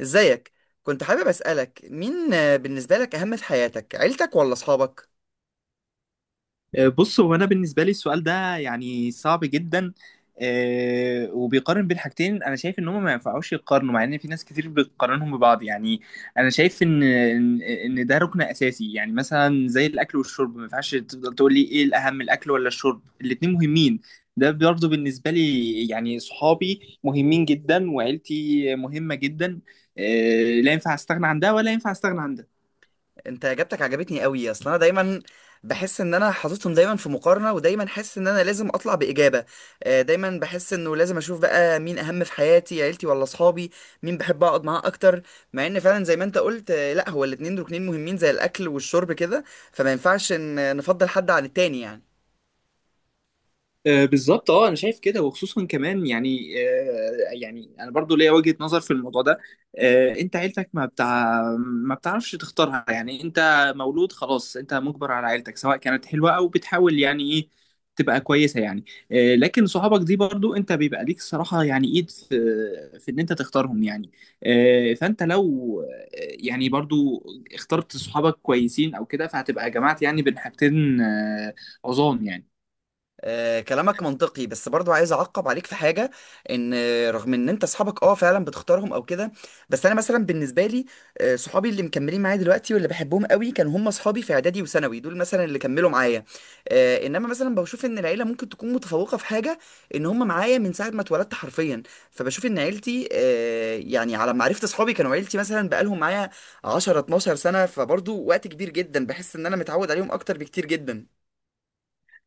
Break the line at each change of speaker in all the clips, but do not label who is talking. ازيك؟ كنت حابب اسالك، مين آه، بالنسبه لك اهم في حياتك، عيلتك ولا اصحابك؟
بص، هو انا بالنسبه لي السؤال ده يعني صعب جدا. وبيقارن بين حاجتين. انا شايف ان هم ما ينفعوش يقارنوا، مع ان في ناس كتير بتقارنهم ببعض يعني. انا شايف ان ان إن ده ركن اساسي، يعني مثلا زي الاكل والشرب، ما ينفعش تفضل تقول لي ايه الاهم، الاكل ولا الشرب؟ الاتنين مهمين. ده برضه بالنسبه لي، يعني صحابي مهمين جدا وعيلتي مهمه جدا. لا ينفع استغنى عن ده ولا ينفع استغنى عن ده.
انت اجابتك عجبتني قوي. اصل انا دايما بحس ان انا حاططهم دايما في مقارنه، ودايما حاسس ان انا لازم اطلع باجابه. دايما بحس انه لازم اشوف بقى مين اهم في حياتي، عيلتي ولا اصحابي؟ مين بحب اقعد معاه اكتر؟ مع ان فعلا زي ما انت قلت، لا هو الاتنين ركنين مهمين زي الاكل والشرب كده. فما ينفعش ان نفضل حد عن التاني يعني.
بالظبط، اه انا شايف كده، وخصوصا كمان يعني. يعني انا برضو ليا وجهة نظر في الموضوع ده. انت عيلتك ما بتعرفش تختارها، يعني انت مولود خلاص، انت مجبر على عيلتك، سواء كانت حلوة او بتحاول يعني ايه تبقى كويسة يعني. لكن صحابك دي برضو انت بيبقى ليك صراحة، يعني ايد في ان انت تختارهم يعني. فانت لو يعني برضو اخترت صحابك كويسين او كده، فهتبقى جمعت يعني بين حاجتين عظام يعني.
كلامك منطقي، بس برضو عايز اعقب عليك في حاجه. ان رغم ان انت اصحابك فعلا بتختارهم او كده. بس انا مثلا بالنسبه لي، صحابي اللي مكملين معايا دلوقتي واللي بحبهم قوي كانوا هم اصحابي في اعدادي وثانوي، دول مثلا اللي كملوا معايا. انما مثلا بشوف ان العيله ممكن تكون متفوقه في حاجه، ان هم معايا من ساعه ما اتولدت حرفيا. فبشوف ان عيلتي، يعني على ما عرفت اصحابي كانوا عيلتي مثلا بقالهم معايا 10 12 سنه. فبرضو وقت كبير جدا، بحس ان انا متعود عليهم اكتر بكتير جدا.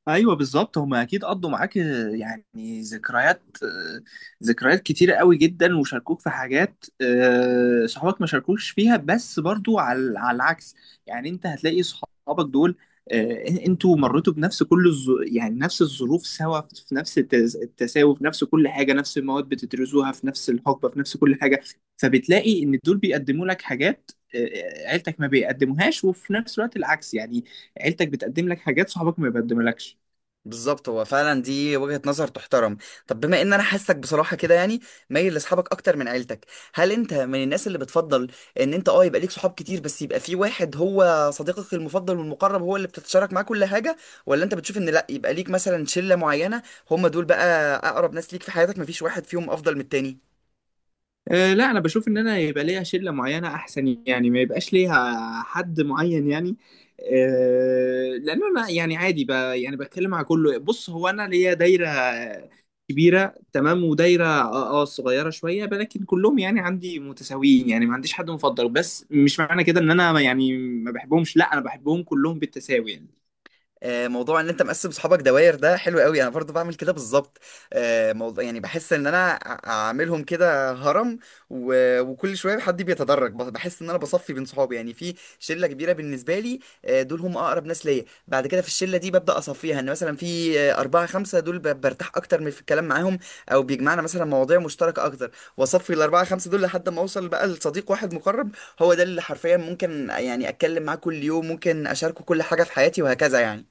ايوه بالظبط، هم اكيد قضوا معاك يعني ذكريات كتيره قوي جدا، وشاركوك في حاجات صحابك ما شاركوش فيها. بس برضو على العكس يعني، انت هتلاقي صحابك دول انتوا مريتوا بنفس يعني نفس الظروف سوا، في نفس التساوي، في نفس كل حاجه، نفس المواد بتدرسوها، في نفس الحقبه، في نفس كل حاجه. فبتلاقي ان دول بيقدموا لك حاجات عيلتك ما بيقدموهاش، وفي نفس الوقت العكس يعني، عيلتك بتقدم لك حاجات صحابك ما بيقدملكش.
بالظبط، هو فعلا دي وجهة نظر تحترم. طب بما ان انا حاسك بصراحة كده يعني مايل لاصحابك اكتر من عيلتك، هل انت من الناس اللي بتفضل ان انت يبقى ليك صحاب كتير بس يبقى في واحد هو صديقك المفضل والمقرب، هو اللي بتتشارك معاه كل حاجة؟ ولا انت بتشوف ان لا، يبقى ليك مثلا شلة معينة، هم دول بقى اقرب ناس ليك في حياتك، مفيش واحد فيهم افضل من التاني؟
أه، لا انا بشوف ان انا يبقى ليا شله معينه احسن، يعني ما يبقاش ليها حد معين يعني. أه، لان انا يعني عادي، يعني بتكلم مع كله. بص، هو انا ليا دايره كبيره تمام، ودايره صغيره شويه، لكن كلهم يعني عندي متساويين، يعني ما عنديش حد مفضل. بس مش معنى كده ان انا يعني ما بحبهمش، لا انا بحبهم كلهم بالتساوي يعني.
موضوع ان انت مقسم صحابك دوائر ده حلو قوي، انا برضو بعمل كده بالظبط. موضوع يعني بحس ان انا عاملهم كده هرم، و- وكل شويه حد بيتدرج، بحس ان انا بصفي بين صحابي، يعني في شله كبيره بالنسبه لي. دول هم اقرب ناس ليا. بعد كده في الشله دي ببدا اصفيها، ان مثلا في اربعه خمسه دول برتاح اكتر من في الكلام معاهم، او بيجمعنا مثلا مواضيع مشتركه اكتر. واصفي الاربعه خمسه دول لحد ما اوصل بقى لصديق واحد مقرب، هو ده اللي حرفيا ممكن يعني اتكلم معاه كل يوم، ممكن اشاركه كل حاجه في حياتي وهكذا يعني.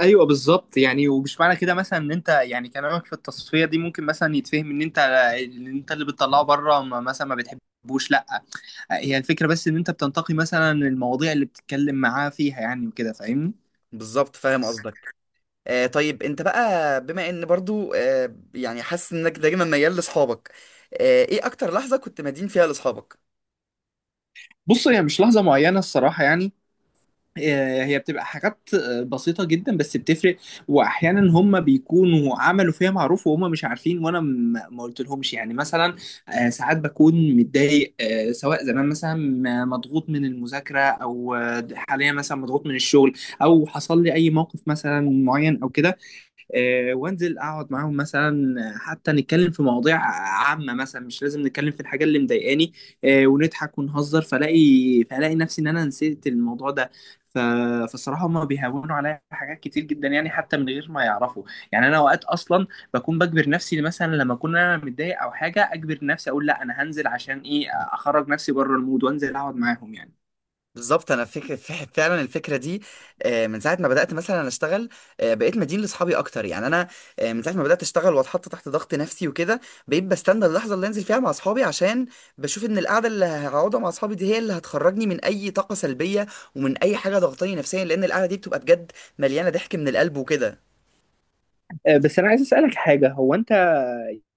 ايوه بالظبط، يعني ومش معنى كده مثلا ان انت، يعني كلامك في التصفيه دي ممكن مثلا يتفهم ان انت اللي بتطلعه بره، مثلا ما بتحبوش، لا. هي الفكره بس ان انت بتنتقي مثلا المواضيع اللي بتتكلم معاه فيها يعني، وكده فاهمني.
بالظبط، فاهم قصدك. طيب، انت بقى بما ان برضو يعني حاسس انك دايما ميال لاصحابك، ايه اكتر لحظة كنت مدين فيها لاصحابك؟
بص، هي مش لحظه معينه الصراحه يعني. هي بتبقى حاجات بسيطة جدا، بس بتفرق. وأحيانا هم بيكونوا عملوا فيها معروف وهم مش عارفين، وأنا ما قلت لهمش يعني. مثلا، ساعات بكون متضايق، سواء زمان مثلا مضغوط من المذاكرة، أو حاليا مثلا مضغوط من الشغل، أو حصل لي أي موقف مثلا معين أو كده. وانزل اقعد معاهم، مثلا حتى نتكلم في مواضيع عامه، مثلا مش لازم نتكلم في الحاجه اللي مضايقاني. ونضحك ونهزر، فلاقي نفسي ان انا نسيت الموضوع ده. ف... فصراحة هما بيهونوا عليا حاجات كتير جدا يعني، حتى من غير ما يعرفوا. يعني أنا أوقات أصلا بكون بجبر نفسي، مثلا لما أكون أنا متضايق أو حاجة أجبر نفسي أقول لا، أنا هنزل، عشان إيه؟ أخرج نفسي بره المود وأنزل أقعد معاهم يعني.
بالظبط، انا فكر فعلا الفكره دي. من ساعه ما بدات مثلا اشتغل، بقيت مدين لاصحابي اكتر يعني انا. من ساعه ما بدات اشتغل واتحط تحت ضغط نفسي وكده، بقيت بستنى اللحظه اللي انزل فيها مع اصحابي عشان بشوف ان القعده اللي هقعدها مع اصحابي دي هي اللي هتخرجني من اي طاقه سلبيه، ومن اي حاجه ضغطاني نفسيا، لان القعده دي بتبقى بجد مليانه ضحك من القلب وكده.
بس أنا عايز أسألك حاجة. هو أنت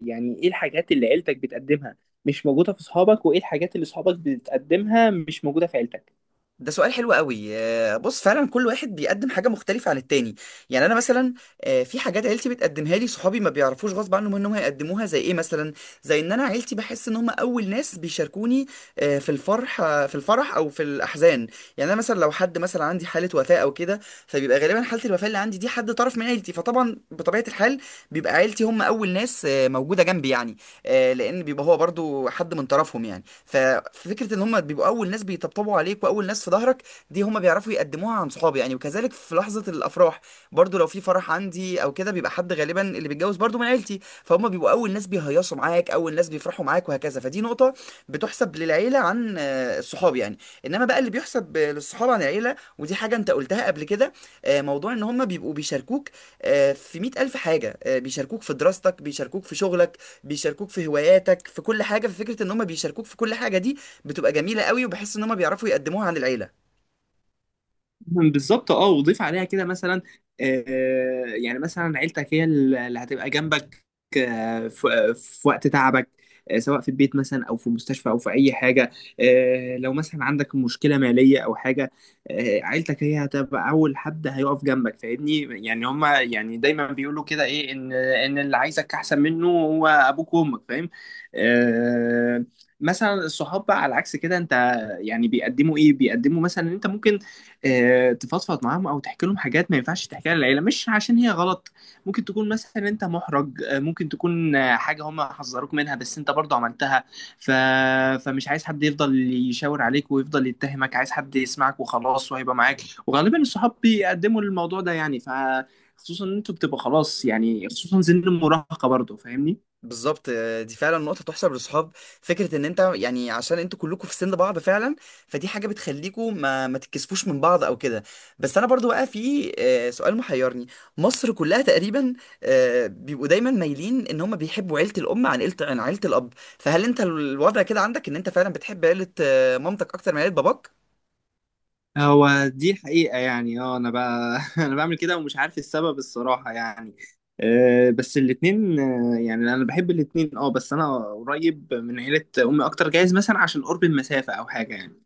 يعني ايه الحاجات اللي عيلتك بتقدمها مش موجودة في صحابك، وايه الحاجات اللي صحابك بتقدمها مش موجودة في عيلتك؟
ده سؤال حلو قوي. بص فعلا كل واحد بيقدم حاجة مختلفة عن التاني. يعني أنا مثلا، في حاجات عيلتي بتقدمها لي صحابي ما بيعرفوش غصب عنهم إنهم هيقدموها، زي إيه مثلا؟ زي إن أنا عيلتي بحس إن هم أول ناس بيشاركوني في الفرح أو في الأحزان. يعني أنا مثلا لو حد مثلا عندي حالة وفاة أو كده، فبيبقى غالبا حالة الوفاة اللي عندي دي حد طرف من عيلتي، فطبعا بطبيعة الحال بيبقى عيلتي هم أول ناس موجودة جنبي يعني. لأن بيبقى هو برضو حد من طرفهم يعني. ففكره ان هم بيبقوا اول ناس بيطبطبوا عليك، واول ناس في ظهرك، دي هم بيعرفوا يقدموها عن صحابي يعني. وكذلك في لحظه الافراح، برضو لو في فرح عندي او كده بيبقى حد غالبا اللي بيتجوز برضو من عيلتي، فهم بيبقوا اول ناس بيهيصوا معاك، اول ناس بيفرحوا معاك وهكذا. فدي نقطه بتحسب للعيله عن الصحاب يعني. انما بقى اللي بيحسب للصحاب عن العيله، ودي حاجه انت قلتها قبل كده. موضوع ان هم بيبقوا بيشاركوك في مئة ألف حاجة، بيشاركوك في دراستك، بيشاركوك في شغلك، بيشاركوك في هواياتك، في كل حاجه. ففكره ان هم بيشاركوك في كل حاجه دي بتبقى جميله قوي، وبحس ان هم بيعرفوا يقدموها عن العيله.
بالظبط، وضيف عليها كده مثلا. يعني مثلا عيلتك هي اللي هتبقى جنبك، في وقت تعبك، سواء في البيت مثلا، او في مستشفى، او في اي حاجه. لو مثلا عندك مشكله ماليه او حاجه، عيلتك هي هتبقى اول حد هيقف جنبك، فاهمني. يعني هما يعني دايما بيقولوا كده ايه، ان اللي عايزك احسن منه هو ابوك وامك، فاهم. آه مثلا الصحاب بقى على العكس كده، انت يعني بيقدموا ايه، بيقدموا مثلا ان انت ممكن تفضفض معاهم او تحكي لهم حاجات ما ينفعش تحكيها للعيله، مش عشان هي غلط. ممكن تكون مثلا انت محرج، ممكن تكون حاجه هم حذروك منها بس انت برضه عملتها. ف... فمش عايز حد يفضل يشاور عليك ويفضل يتهمك، عايز حد يسمعك وخلاص وهيبقى معاك. وغالبا الصحاب بيقدموا الموضوع ده يعني، خصوصا ان انتوا بتبقى خلاص يعني، خصوصا سن المراهقه برضه، فاهمني.
بالظبط، دي فعلا نقطه تحسب للصحاب. فكره ان انت يعني عشان انتوا كلكم في سن بعض فعلا، فدي حاجه بتخليكم ما تتكسفوش من بعض او كده. بس انا برضو بقى في سؤال محيرني. مصر كلها تقريبا بيبقوا دايما مايلين ان هم بيحبوا عيله الام عن عيله الاب. فهل انت الوضع كده عندك ان انت فعلا بتحب عيله مامتك اكتر من عيله باباك؟
هو دي الحقيقة يعني، انا بقى انا بعمل كده ومش عارف السبب الصراحة يعني. بس الاتنين، يعني انا بحب الاتنين، بس انا قريب من عيلة امي اكتر، جايز مثلا عشان قرب المسافة او حاجة يعني.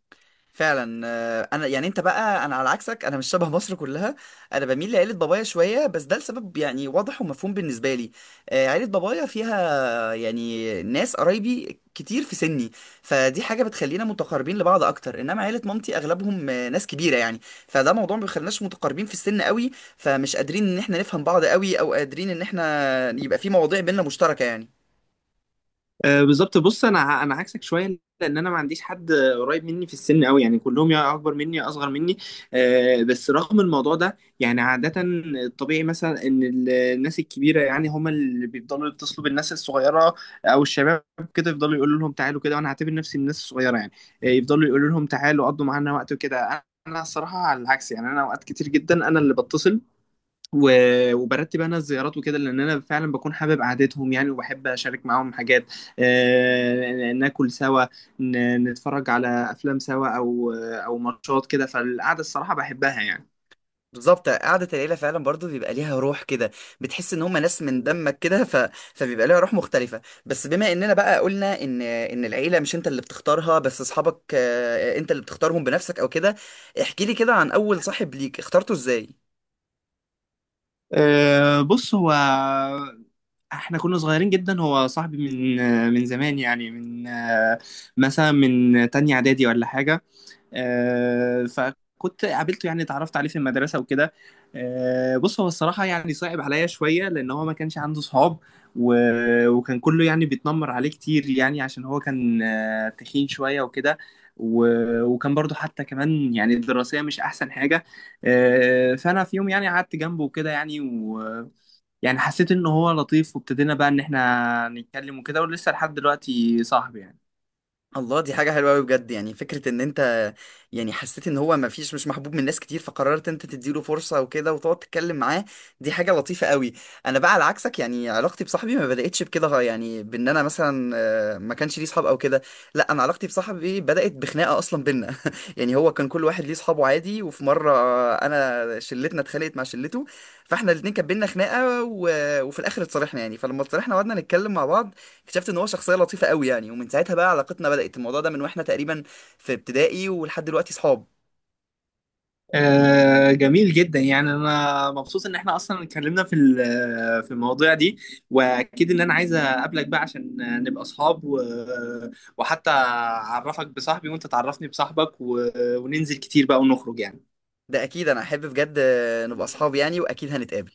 فعلا. انا يعني انت بقى انا على عكسك، انا مش شبه مصر كلها. انا بميل لعيله بابايا شويه، بس ده لسبب يعني واضح ومفهوم بالنسبه لي. عيله بابايا فيها يعني ناس قرايبي كتير في سني، فدي حاجه بتخلينا متقاربين لبعض اكتر. انما عيله مامتي اغلبهم ناس كبيره يعني، فده موضوع ما بيخليناش متقاربين في السن قوي، فمش قادرين ان احنا نفهم بعض قوي، او قادرين ان احنا يبقى في مواضيع بينا مشتركه يعني.
بالظبط، بص انا انا عكسك شويه، لان انا ما عنديش حد قريب مني في السن قوي، يعني كلهم يا اكبر مني يا اصغر مني. بس رغم الموضوع ده يعني، عاده الطبيعي مثلا ان الناس الكبيره يعني هم اللي بيفضلوا يتصلوا بالناس الصغيره او الشباب، كده يفضلوا يقولوا لهم تعالوا كده، وانا هعتبر نفسي من الناس الصغيره يعني. يفضلوا يقولوا لهم تعالوا قضوا معانا وقت وكده. انا الصراحه على العكس يعني، انا اوقات كتير جدا انا اللي بتصل وبرتب انا الزيارات وكده، لان انا فعلا بكون حابب قعدتهم يعني، وبحب اشارك معاهم حاجات، ناكل سوا، نتفرج على افلام سوا، او ماتشات كده. فالقعده الصراحه بحبها يعني.
بالظبط، قعدة العيلة فعلا برضو بيبقى ليها روح كده، بتحس ان هم ناس من دمك كده. فبيبقى ليها روح مختلفة. بس بما اننا بقى قلنا ان العيلة مش انت اللي بتختارها، بس اصحابك انت اللي بتختارهم بنفسك او كده، احكي لي كده عن اول صاحب ليك اخترته ازاي.
بص، هو احنا كنا صغيرين جدا، هو صاحبي من من زمان يعني، من مثلا من تانية اعدادي ولا حاجه. فكنت قابلته، يعني اتعرفت عليه في المدرسة وكده. بص، هو الصراحة يعني صعب عليا شوية، لأن هو ما كانش عنده صحاب، وكان كله يعني بيتنمر عليه كتير، يعني عشان هو كان تخين شوية وكده، وكان برضو حتى كمان يعني الدراسية مش أحسن حاجة. فأنا في يوم يعني قعدت جنبه وكده، يعني يعني حسيت إن هو لطيف، وابتدينا بقى إن إحنا نتكلم وكده، ولسه لحد دلوقتي صاحبي يعني.
الله، دي حاجة حلوة أوي بجد. يعني فكرة إن أنت يعني حسيت إن هو مش محبوب من ناس كتير، فقررت أنت تديله فرصة وكده وتقعد تتكلم معاه. دي حاجة لطيفة أوي. أنا بقى على عكسك، يعني علاقتي بصاحبي ما بدأتش بكده، يعني بإن أنا مثلا ما كانش ليه صحاب أو كده. لا، أنا علاقتي بصاحبي بدأت بخناقة أصلا بينا يعني هو كان كل واحد ليه صحابه عادي، وفي مرة أنا شلتنا اتخانقت مع شلته، فإحنا الاتنين كان بينا خناقة. وفي الآخر اتصالحنا يعني. فلما اتصالحنا وقعدنا نتكلم مع بعض اكتشفت ان هو شخصيه لطيفه قوي يعني، ومن ساعتها بقى علاقتنا بدات الموضوع ده من واحنا تقريبا في ابتدائي، ولحد دلوقتي صحاب.
جميل جدا، يعني انا مبسوط ان احنا اصلا اتكلمنا في في المواضيع دي، واكيد ان انا عايز اقابلك بقى عشان نبقى اصحاب وحتى اعرفك بصاحبي وانت تعرفني بصاحبك وننزل كتير بقى ونخرج يعني.
ده اكيد، انا احب بجد نبقى اصحاب يعني، واكيد هنتقابل.